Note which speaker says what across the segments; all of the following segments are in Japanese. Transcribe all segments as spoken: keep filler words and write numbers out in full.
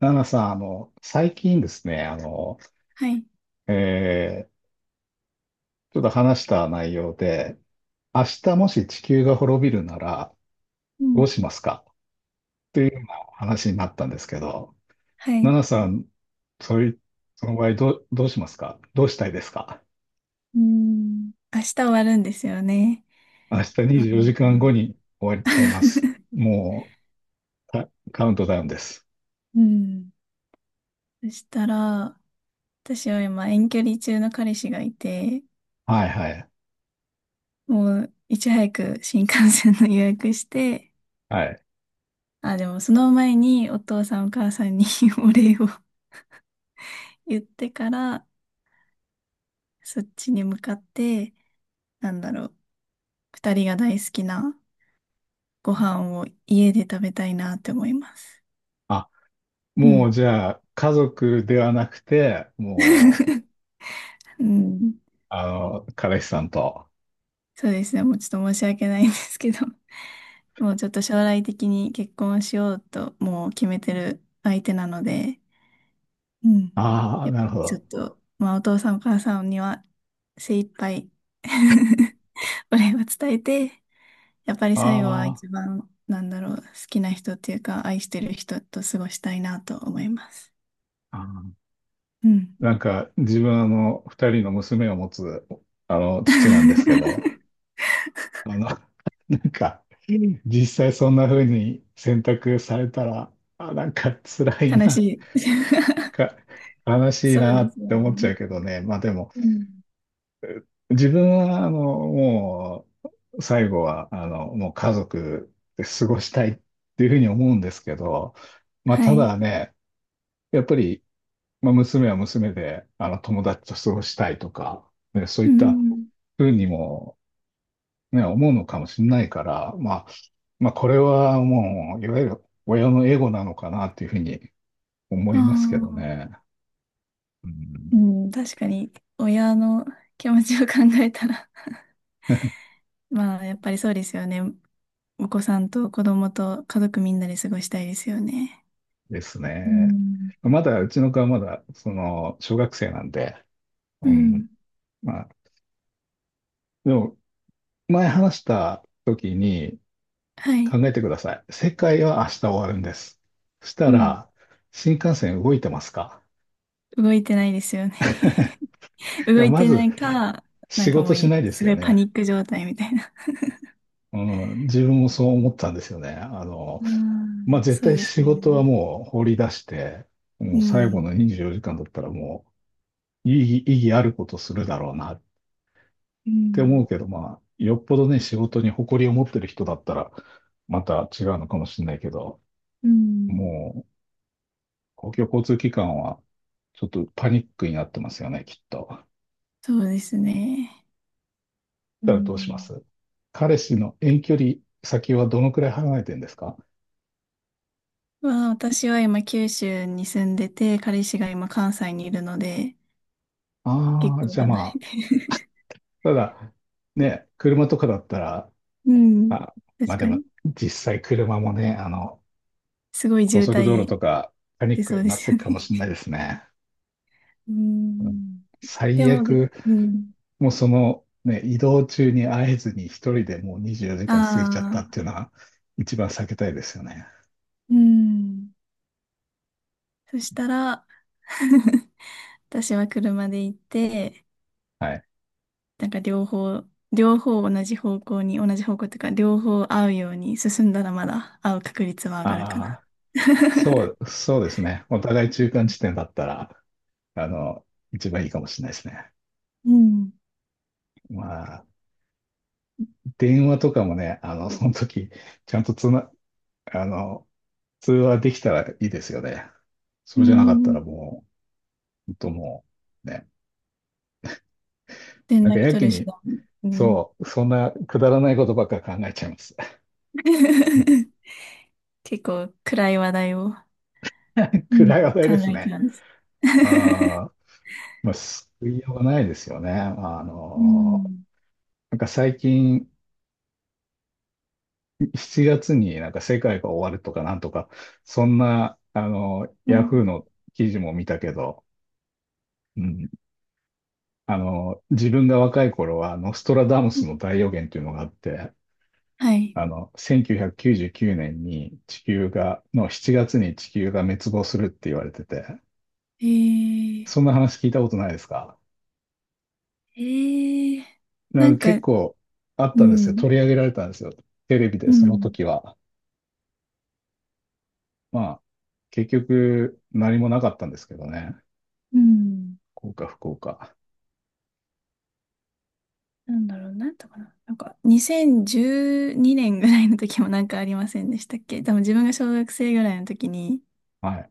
Speaker 1: ナナさん、あの、最近ですね、あの、
Speaker 2: はい。
Speaker 1: えーちょっと話した内容で、明日もし地球が滅びるなら
Speaker 2: う
Speaker 1: ど
Speaker 2: ん。
Speaker 1: うしますか、というような話になったんですけど、
Speaker 2: は
Speaker 1: ナ
Speaker 2: い。
Speaker 1: ナさん、そういう、その場合どう、どうしますか、どうしたいですか？
Speaker 2: うん。明日終わるんですよね。
Speaker 1: 明日
Speaker 2: あ
Speaker 1: にじゅうよじかんご
Speaker 2: ー。
Speaker 1: に終わっちゃいます。もう、カカウントダウンです。
Speaker 2: うん。そしたら、私は今遠距離中の彼氏がいて、
Speaker 1: はいはい。
Speaker 2: もういち早く新幹線の予約して、
Speaker 1: はい。
Speaker 2: あ、でもその前にお父さんお母さんに お礼を言ってから、そっちに向かって、なんだろう、二人が大好きなご飯を家で食べたいなって思います。
Speaker 1: あ、
Speaker 2: う
Speaker 1: も
Speaker 2: ん。
Speaker 1: うじゃあ、家族ではなくて、もう、
Speaker 2: うん
Speaker 1: あの、彼氏さんと。
Speaker 2: そうですね。もうちょっと申し訳ないんですけど、もうちょっと将来的に結婚しようともう決めてる相手なので、うん。
Speaker 1: ああ、
Speaker 2: やっぱ
Speaker 1: なるほ
Speaker 2: ちょっ
Speaker 1: ど。
Speaker 2: と、まあお父さんお母さんには精一杯 お礼を伝えて、やっぱり
Speaker 1: あ
Speaker 2: 最後は
Speaker 1: ー
Speaker 2: 一番、なんだろう、好きな人っていうか、愛してる人と過ごしたいなと思います。
Speaker 1: あ
Speaker 2: うん。
Speaker 1: ー、なんか自分、あの二人の娘を持つあの父なんですけど、あの、なんか実際そんな風に選択されたら、あ、なんか辛い
Speaker 2: 悲
Speaker 1: な、
Speaker 2: しい。
Speaker 1: か、悲しい
Speaker 2: そう
Speaker 1: な
Speaker 2: で
Speaker 1: っ
Speaker 2: すよ
Speaker 1: て思っちゃ
Speaker 2: ね。
Speaker 1: うけどね。まあでも、
Speaker 2: うん。
Speaker 1: 自分はあの、もう最後はあの、もう家族で過ごしたいっていうふうに思うんですけど、まあ
Speaker 2: は
Speaker 1: ただ
Speaker 2: い。
Speaker 1: ね、やっぱりまあ、娘は娘で、あの、友達と過ごしたいとか、ね、そうい
Speaker 2: う
Speaker 1: った
Speaker 2: ん。
Speaker 1: ふうにも、ね、思うのかもしれないから、まあ、まあ、これはもう、いわゆる親のエゴなのかなっていうふうに思
Speaker 2: あ
Speaker 1: いますけど
Speaker 2: あ。
Speaker 1: ね。う
Speaker 2: う
Speaker 1: ん。
Speaker 2: ん、確かに、親の気持ちを考えたら まあ、やっぱりそうですよね。お子さんと子供と家族みんなで過ごしたいですよね。
Speaker 1: です
Speaker 2: う
Speaker 1: ね。
Speaker 2: ん。
Speaker 1: まだ、うちの子はまだ、その、小学生なんで、
Speaker 2: う
Speaker 1: うん、
Speaker 2: ん。
Speaker 1: まあ、でも、前話した時に、
Speaker 2: はい。
Speaker 1: 考えてください。世界は明日終わるんです。そし
Speaker 2: う
Speaker 1: た
Speaker 2: ん。
Speaker 1: ら、新幹線動いてますか？
Speaker 2: 動いてないですよね。 動
Speaker 1: や
Speaker 2: い
Speaker 1: ま
Speaker 2: て
Speaker 1: ず
Speaker 2: ないか、なん
Speaker 1: 仕
Speaker 2: かも
Speaker 1: 事
Speaker 2: う
Speaker 1: しな
Speaker 2: い、
Speaker 1: いで
Speaker 2: す
Speaker 1: す
Speaker 2: ご
Speaker 1: よ
Speaker 2: いパ
Speaker 1: ね。
Speaker 2: ニック状態みたいな。
Speaker 1: うん、自分もそう思ったんですよね。あの、
Speaker 2: う
Speaker 1: まあ、
Speaker 2: ん
Speaker 1: 絶
Speaker 2: そう
Speaker 1: 対
Speaker 2: です
Speaker 1: 仕
Speaker 2: よね。
Speaker 1: 事はもう放り出して、
Speaker 2: う
Speaker 1: もう最後
Speaker 2: ん。
Speaker 1: のにじゅうよじかんだったらもう意義、意義あることするだろうなっ
Speaker 2: う
Speaker 1: て思う
Speaker 2: ん
Speaker 1: けど、まあ、よっぽどね、仕事に誇りを持ってる人だったら、また違うのかもしれないけど、
Speaker 2: うん。
Speaker 1: もう、公共交通機関は、ちょっとパニックになってますよね、きっと。だっ
Speaker 2: そうですね。う
Speaker 1: たらどうしま
Speaker 2: ん
Speaker 1: す？彼氏の遠距離先はどのくらい離れてるんですか？
Speaker 2: まあ、私は今九州に住んでて、彼氏が今関西にいるので、
Speaker 1: あ
Speaker 2: 結
Speaker 1: あ、
Speaker 2: 構
Speaker 1: じゃあ
Speaker 2: 離
Speaker 1: ま
Speaker 2: れ
Speaker 1: あ、
Speaker 2: て。
Speaker 1: ただ、ね、車とかだったら、
Speaker 2: うん。
Speaker 1: あ、ま
Speaker 2: 確
Speaker 1: あで
Speaker 2: か
Speaker 1: も、
Speaker 2: に。
Speaker 1: 実際車もね、あの、
Speaker 2: すごい
Speaker 1: 高
Speaker 2: 渋
Speaker 1: 速道路
Speaker 2: 滞
Speaker 1: とか、パニッ
Speaker 2: 出
Speaker 1: ク
Speaker 2: そう
Speaker 1: に
Speaker 2: で
Speaker 1: なって
Speaker 2: す
Speaker 1: い
Speaker 2: よ
Speaker 1: く
Speaker 2: ね。
Speaker 1: かもしれないですね。
Speaker 2: う
Speaker 1: うん、
Speaker 2: ん。で
Speaker 1: 最
Speaker 2: も、で、
Speaker 1: 悪、
Speaker 2: うん。
Speaker 1: もうその、ね、移動中に会えずに一人でもう24時
Speaker 2: あ
Speaker 1: 間過ぎちゃったってい
Speaker 2: あ、
Speaker 1: うのは、一番避けたいですよね。
Speaker 2: うん。そしたら、私は車で行って、
Speaker 1: はい。
Speaker 2: なんか両方、両方同じ方向に、同じ方向というか、両方合うように進んだらまだ会う確率は上がるか
Speaker 1: あ
Speaker 2: な。
Speaker 1: あ、そ う、そうですね。お互い中間地点だったら、あの、一番いいかもしれないですね。
Speaker 2: うん。
Speaker 1: ま、電話とかもね、あの、その時、ちゃんとつな、あの、通話できたらいいですよね。
Speaker 2: う
Speaker 1: そうじゃなかったら
Speaker 2: ん。
Speaker 1: もう、ほんともう、ね。
Speaker 2: 連
Speaker 1: なんか
Speaker 2: 絡
Speaker 1: や
Speaker 2: 取
Speaker 1: け
Speaker 2: る手
Speaker 1: に、
Speaker 2: 段。うん。
Speaker 1: そう、そんなくだらないことばっか考えちゃいます。
Speaker 2: 結構暗い話題をうん
Speaker 1: 暗い話題
Speaker 2: 考
Speaker 1: です
Speaker 2: えて
Speaker 1: ね。
Speaker 2: たんです。
Speaker 1: あ あ、まあ、救いようがないですよね。まあ
Speaker 2: う
Speaker 1: の、
Speaker 2: ん
Speaker 1: なんか最近、しちがつになんか世界が終わるとかなんとか、そんな、あの、
Speaker 2: う
Speaker 1: ヤフー
Speaker 2: ん
Speaker 1: の記事も見たけど、うん、あの、自分が若い頃は、あの、ストラダムスの大予言というのがあって、
Speaker 2: はい。
Speaker 1: あの、せんきゅうひゃくきゅうじゅうきゅうねんに地球が、のしちがつに地球が滅亡するって言われてて、
Speaker 2: えー、
Speaker 1: そんな話聞いたことないですか？
Speaker 2: えー、
Speaker 1: な
Speaker 2: な
Speaker 1: んか
Speaker 2: んか、
Speaker 1: 結構あっ
Speaker 2: う
Speaker 1: たんですよ。
Speaker 2: ん、
Speaker 1: 取り上げられたんですよ、テレビ
Speaker 2: う
Speaker 1: で、その
Speaker 2: ん。
Speaker 1: 時は。まあ、結局何もなかったんですけどね。
Speaker 2: うん
Speaker 1: 幸か不幸か。
Speaker 2: なんだろう、なんとかな。なんか、にせんじゅうにねんぐらいの時もなんかありませんでしたっけ？多分自分が小学生ぐらいの時に、
Speaker 1: はい。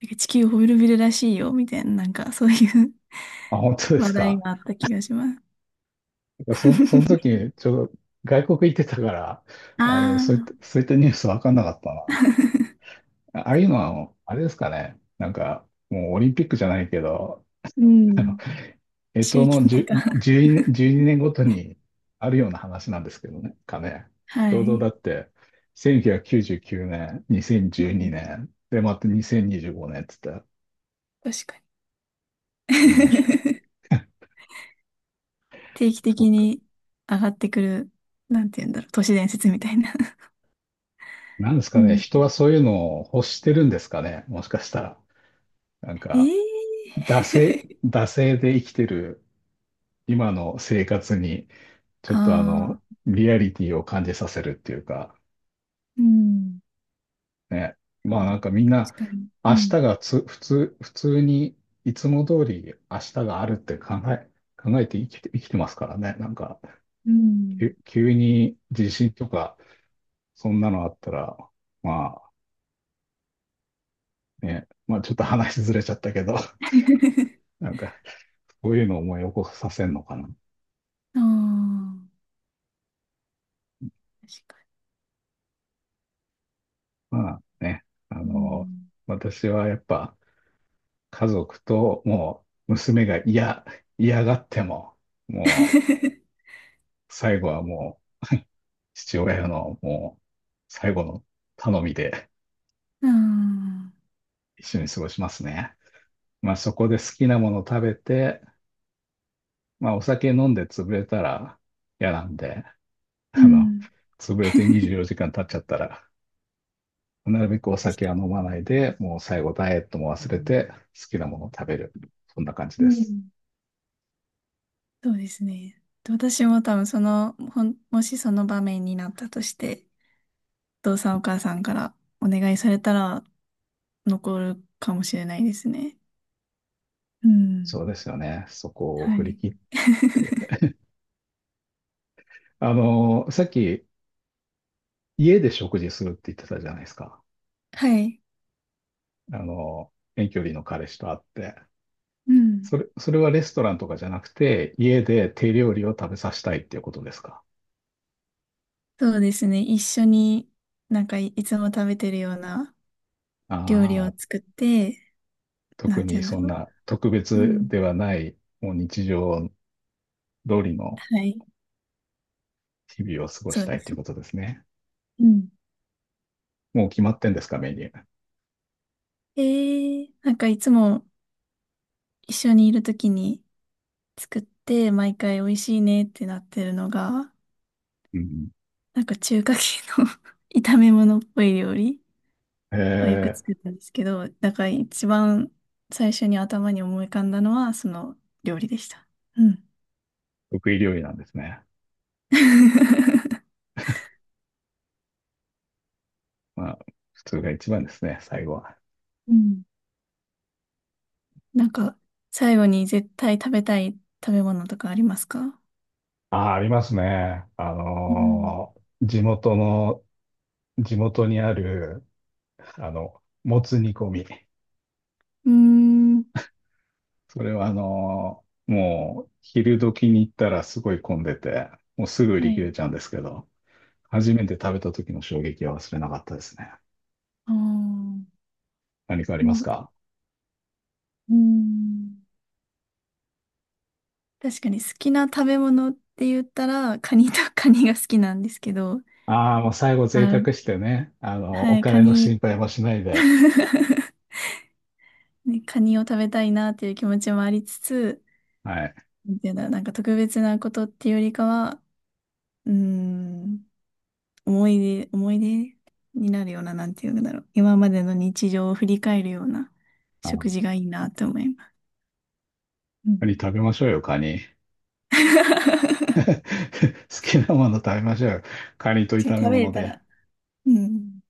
Speaker 2: なんか地球滅びるらしいよ、みたいな、なんかそういう
Speaker 1: あ、本当 です
Speaker 2: 話題
Speaker 1: か？
Speaker 2: があった気がしま
Speaker 1: そ、その
Speaker 2: す。
Speaker 1: 時、ちょうど外国行ってたから、あの、そういった、
Speaker 2: ああ
Speaker 1: そういったニュース分かんなかった
Speaker 2: ー。
Speaker 1: な。ああいうのは、あれですかね。なんか、もうオリンピックじゃないけど、
Speaker 2: う
Speaker 1: あの、
Speaker 2: ん。
Speaker 1: 干支
Speaker 2: 周期
Speaker 1: の
Speaker 2: 的な、
Speaker 1: じゅう、じゅうに、いちねんごとにあるような話なんですけどね、かね。ち
Speaker 2: は
Speaker 1: ょうどだ
Speaker 2: い。
Speaker 1: って、せんきゅうひゃくきゅうじゅうきゅうねん、
Speaker 2: う
Speaker 1: 2012
Speaker 2: ん。
Speaker 1: 年、で、またにせんにじゅうごねんって言ったら、
Speaker 2: 確かに。
Speaker 1: 面白い。
Speaker 2: 定期
Speaker 1: そう
Speaker 2: 的
Speaker 1: か。
Speaker 2: に上がってくる、なんて言うんだろう、都市伝説みたいな。
Speaker 1: なんです
Speaker 2: う
Speaker 1: かね。
Speaker 2: ん。
Speaker 1: 人はそういうのを欲してるんですかね、もしかしたら。なん
Speaker 2: え
Speaker 1: か、
Speaker 2: え。
Speaker 1: 惰性、惰性で生きてる今の生活に ちょっと、あの、
Speaker 2: ああ、
Speaker 1: リアリティを感じさせるっていうか、
Speaker 2: うん。
Speaker 1: ね。まあなんかみんな、
Speaker 2: 確かに。う
Speaker 1: 明日
Speaker 2: ん。
Speaker 1: がつ、普通、普通に、いつも通り明日があるって考え、考えて生きて、生きてますからね。なんか、
Speaker 2: うん。
Speaker 1: 急急に地震とか、そんなのあったら、まあね、まあちょっと話ずれちゃったけど、なんか、こういうのを思い起こさせるのかな。
Speaker 2: ああ、確か
Speaker 1: まあね、あ
Speaker 2: にう
Speaker 1: の、
Speaker 2: ん。
Speaker 1: 私はやっぱ、家族と、もう娘が嫌、嫌がっても、もう 最後はもう父親のもう最後の頼みで
Speaker 2: ああ、
Speaker 1: 一緒に過ごしますね。まあそこで好きなもの食べて、まあお酒飲んで潰れたら嫌なんで、
Speaker 2: う
Speaker 1: あの、
Speaker 2: ん、
Speaker 1: 潰れてにじゅうよじかん経っちゃったら、なるべくお
Speaker 2: 確
Speaker 1: 酒
Speaker 2: か
Speaker 1: は飲まないで、もう最後ダイエットも忘れ
Speaker 2: に。
Speaker 1: て好きなものを食べる。そんな感じ
Speaker 2: う
Speaker 1: です。
Speaker 2: ん。そうですね。で私も多分その、ほん、もしその場面になったとして、お父さんお母さんからお願いされたら残るかもしれないですね。うん。
Speaker 1: そうですよね。そこを
Speaker 2: は
Speaker 1: 振り
Speaker 2: い。
Speaker 1: 切って。あの、さっき家で食事するって言ってたじゃないですか。
Speaker 2: はい。
Speaker 1: あの、遠距離の彼氏と会って。
Speaker 2: うん。
Speaker 1: それ、それはレストランとかじゃなくて、家で手料理を食べさせたいっていうことですか？
Speaker 2: そうですね。一緒になんかい、いつも食べてるような
Speaker 1: あ
Speaker 2: 料理を
Speaker 1: あー、
Speaker 2: 作って、な
Speaker 1: 特
Speaker 2: んて言
Speaker 1: に
Speaker 2: うんだ
Speaker 1: そん
Speaker 2: ろ
Speaker 1: な特
Speaker 2: う。う
Speaker 1: 別
Speaker 2: ん。
Speaker 1: ではない、もう日常通りの
Speaker 2: はい。
Speaker 1: 日々を過ご
Speaker 2: そ
Speaker 1: し
Speaker 2: う
Speaker 1: たい
Speaker 2: で
Speaker 1: っていう
Speaker 2: す。
Speaker 1: ことですね。
Speaker 2: うん。
Speaker 1: もう決まってんですか、メニュー。
Speaker 2: えー、なんかいつも一緒にいるときに作って、毎回美味しいねってなってるのが、
Speaker 1: うん。
Speaker 2: なんか中華系の 炒め物っぽい料理
Speaker 1: え
Speaker 2: をよく
Speaker 1: ー、
Speaker 2: 作ったんですけど、だから一番最初に頭に思い浮かんだのはその料理でした。うん。
Speaker 1: 得意料理なんですね。まあ、普通が一番ですね、最後は。
Speaker 2: うん。なんか最後に絶対食べたい食べ物とかありますか？
Speaker 1: ああ、ありますね。あ
Speaker 2: うん。
Speaker 1: のー、地元の地元にある、あの、もつ煮込み。
Speaker 2: うーん。
Speaker 1: それはあのー、もう、昼時に行ったらすごい混んでて、もうすぐ売
Speaker 2: は
Speaker 1: り切れ
Speaker 2: い。
Speaker 1: ちゃうんですけど、初めて食べた時の衝撃は忘れなかったですね。
Speaker 2: ああ。う
Speaker 1: 何かありま
Speaker 2: ん
Speaker 1: す
Speaker 2: う
Speaker 1: か？
Speaker 2: ーん確かに好きな食べ物って言ったら、カニとカニが好きなんですけど、
Speaker 1: ああー、もう最後贅
Speaker 2: あ、
Speaker 1: 沢してね、あの、お
Speaker 2: はい、カ
Speaker 1: 金の
Speaker 2: ニ。
Speaker 1: 心配もしないで、
Speaker 2: ね、カニを食べたいなっていう気持ちもありつつ、
Speaker 1: はい。
Speaker 2: なんていうんだろう、なんか特別なことっていうよりかは、うーん、思い出、思い出になるような、なんていうんだろう、今までの日常を振り返るような食事
Speaker 1: あ、
Speaker 2: がいいなって思います。うん。
Speaker 1: カニ食べましょうよ、カニ。好きなもの食べましょうよ。カニと
Speaker 2: 食
Speaker 1: 炒め
Speaker 2: べれ
Speaker 1: 物
Speaker 2: た
Speaker 1: で。
Speaker 2: ら、うん。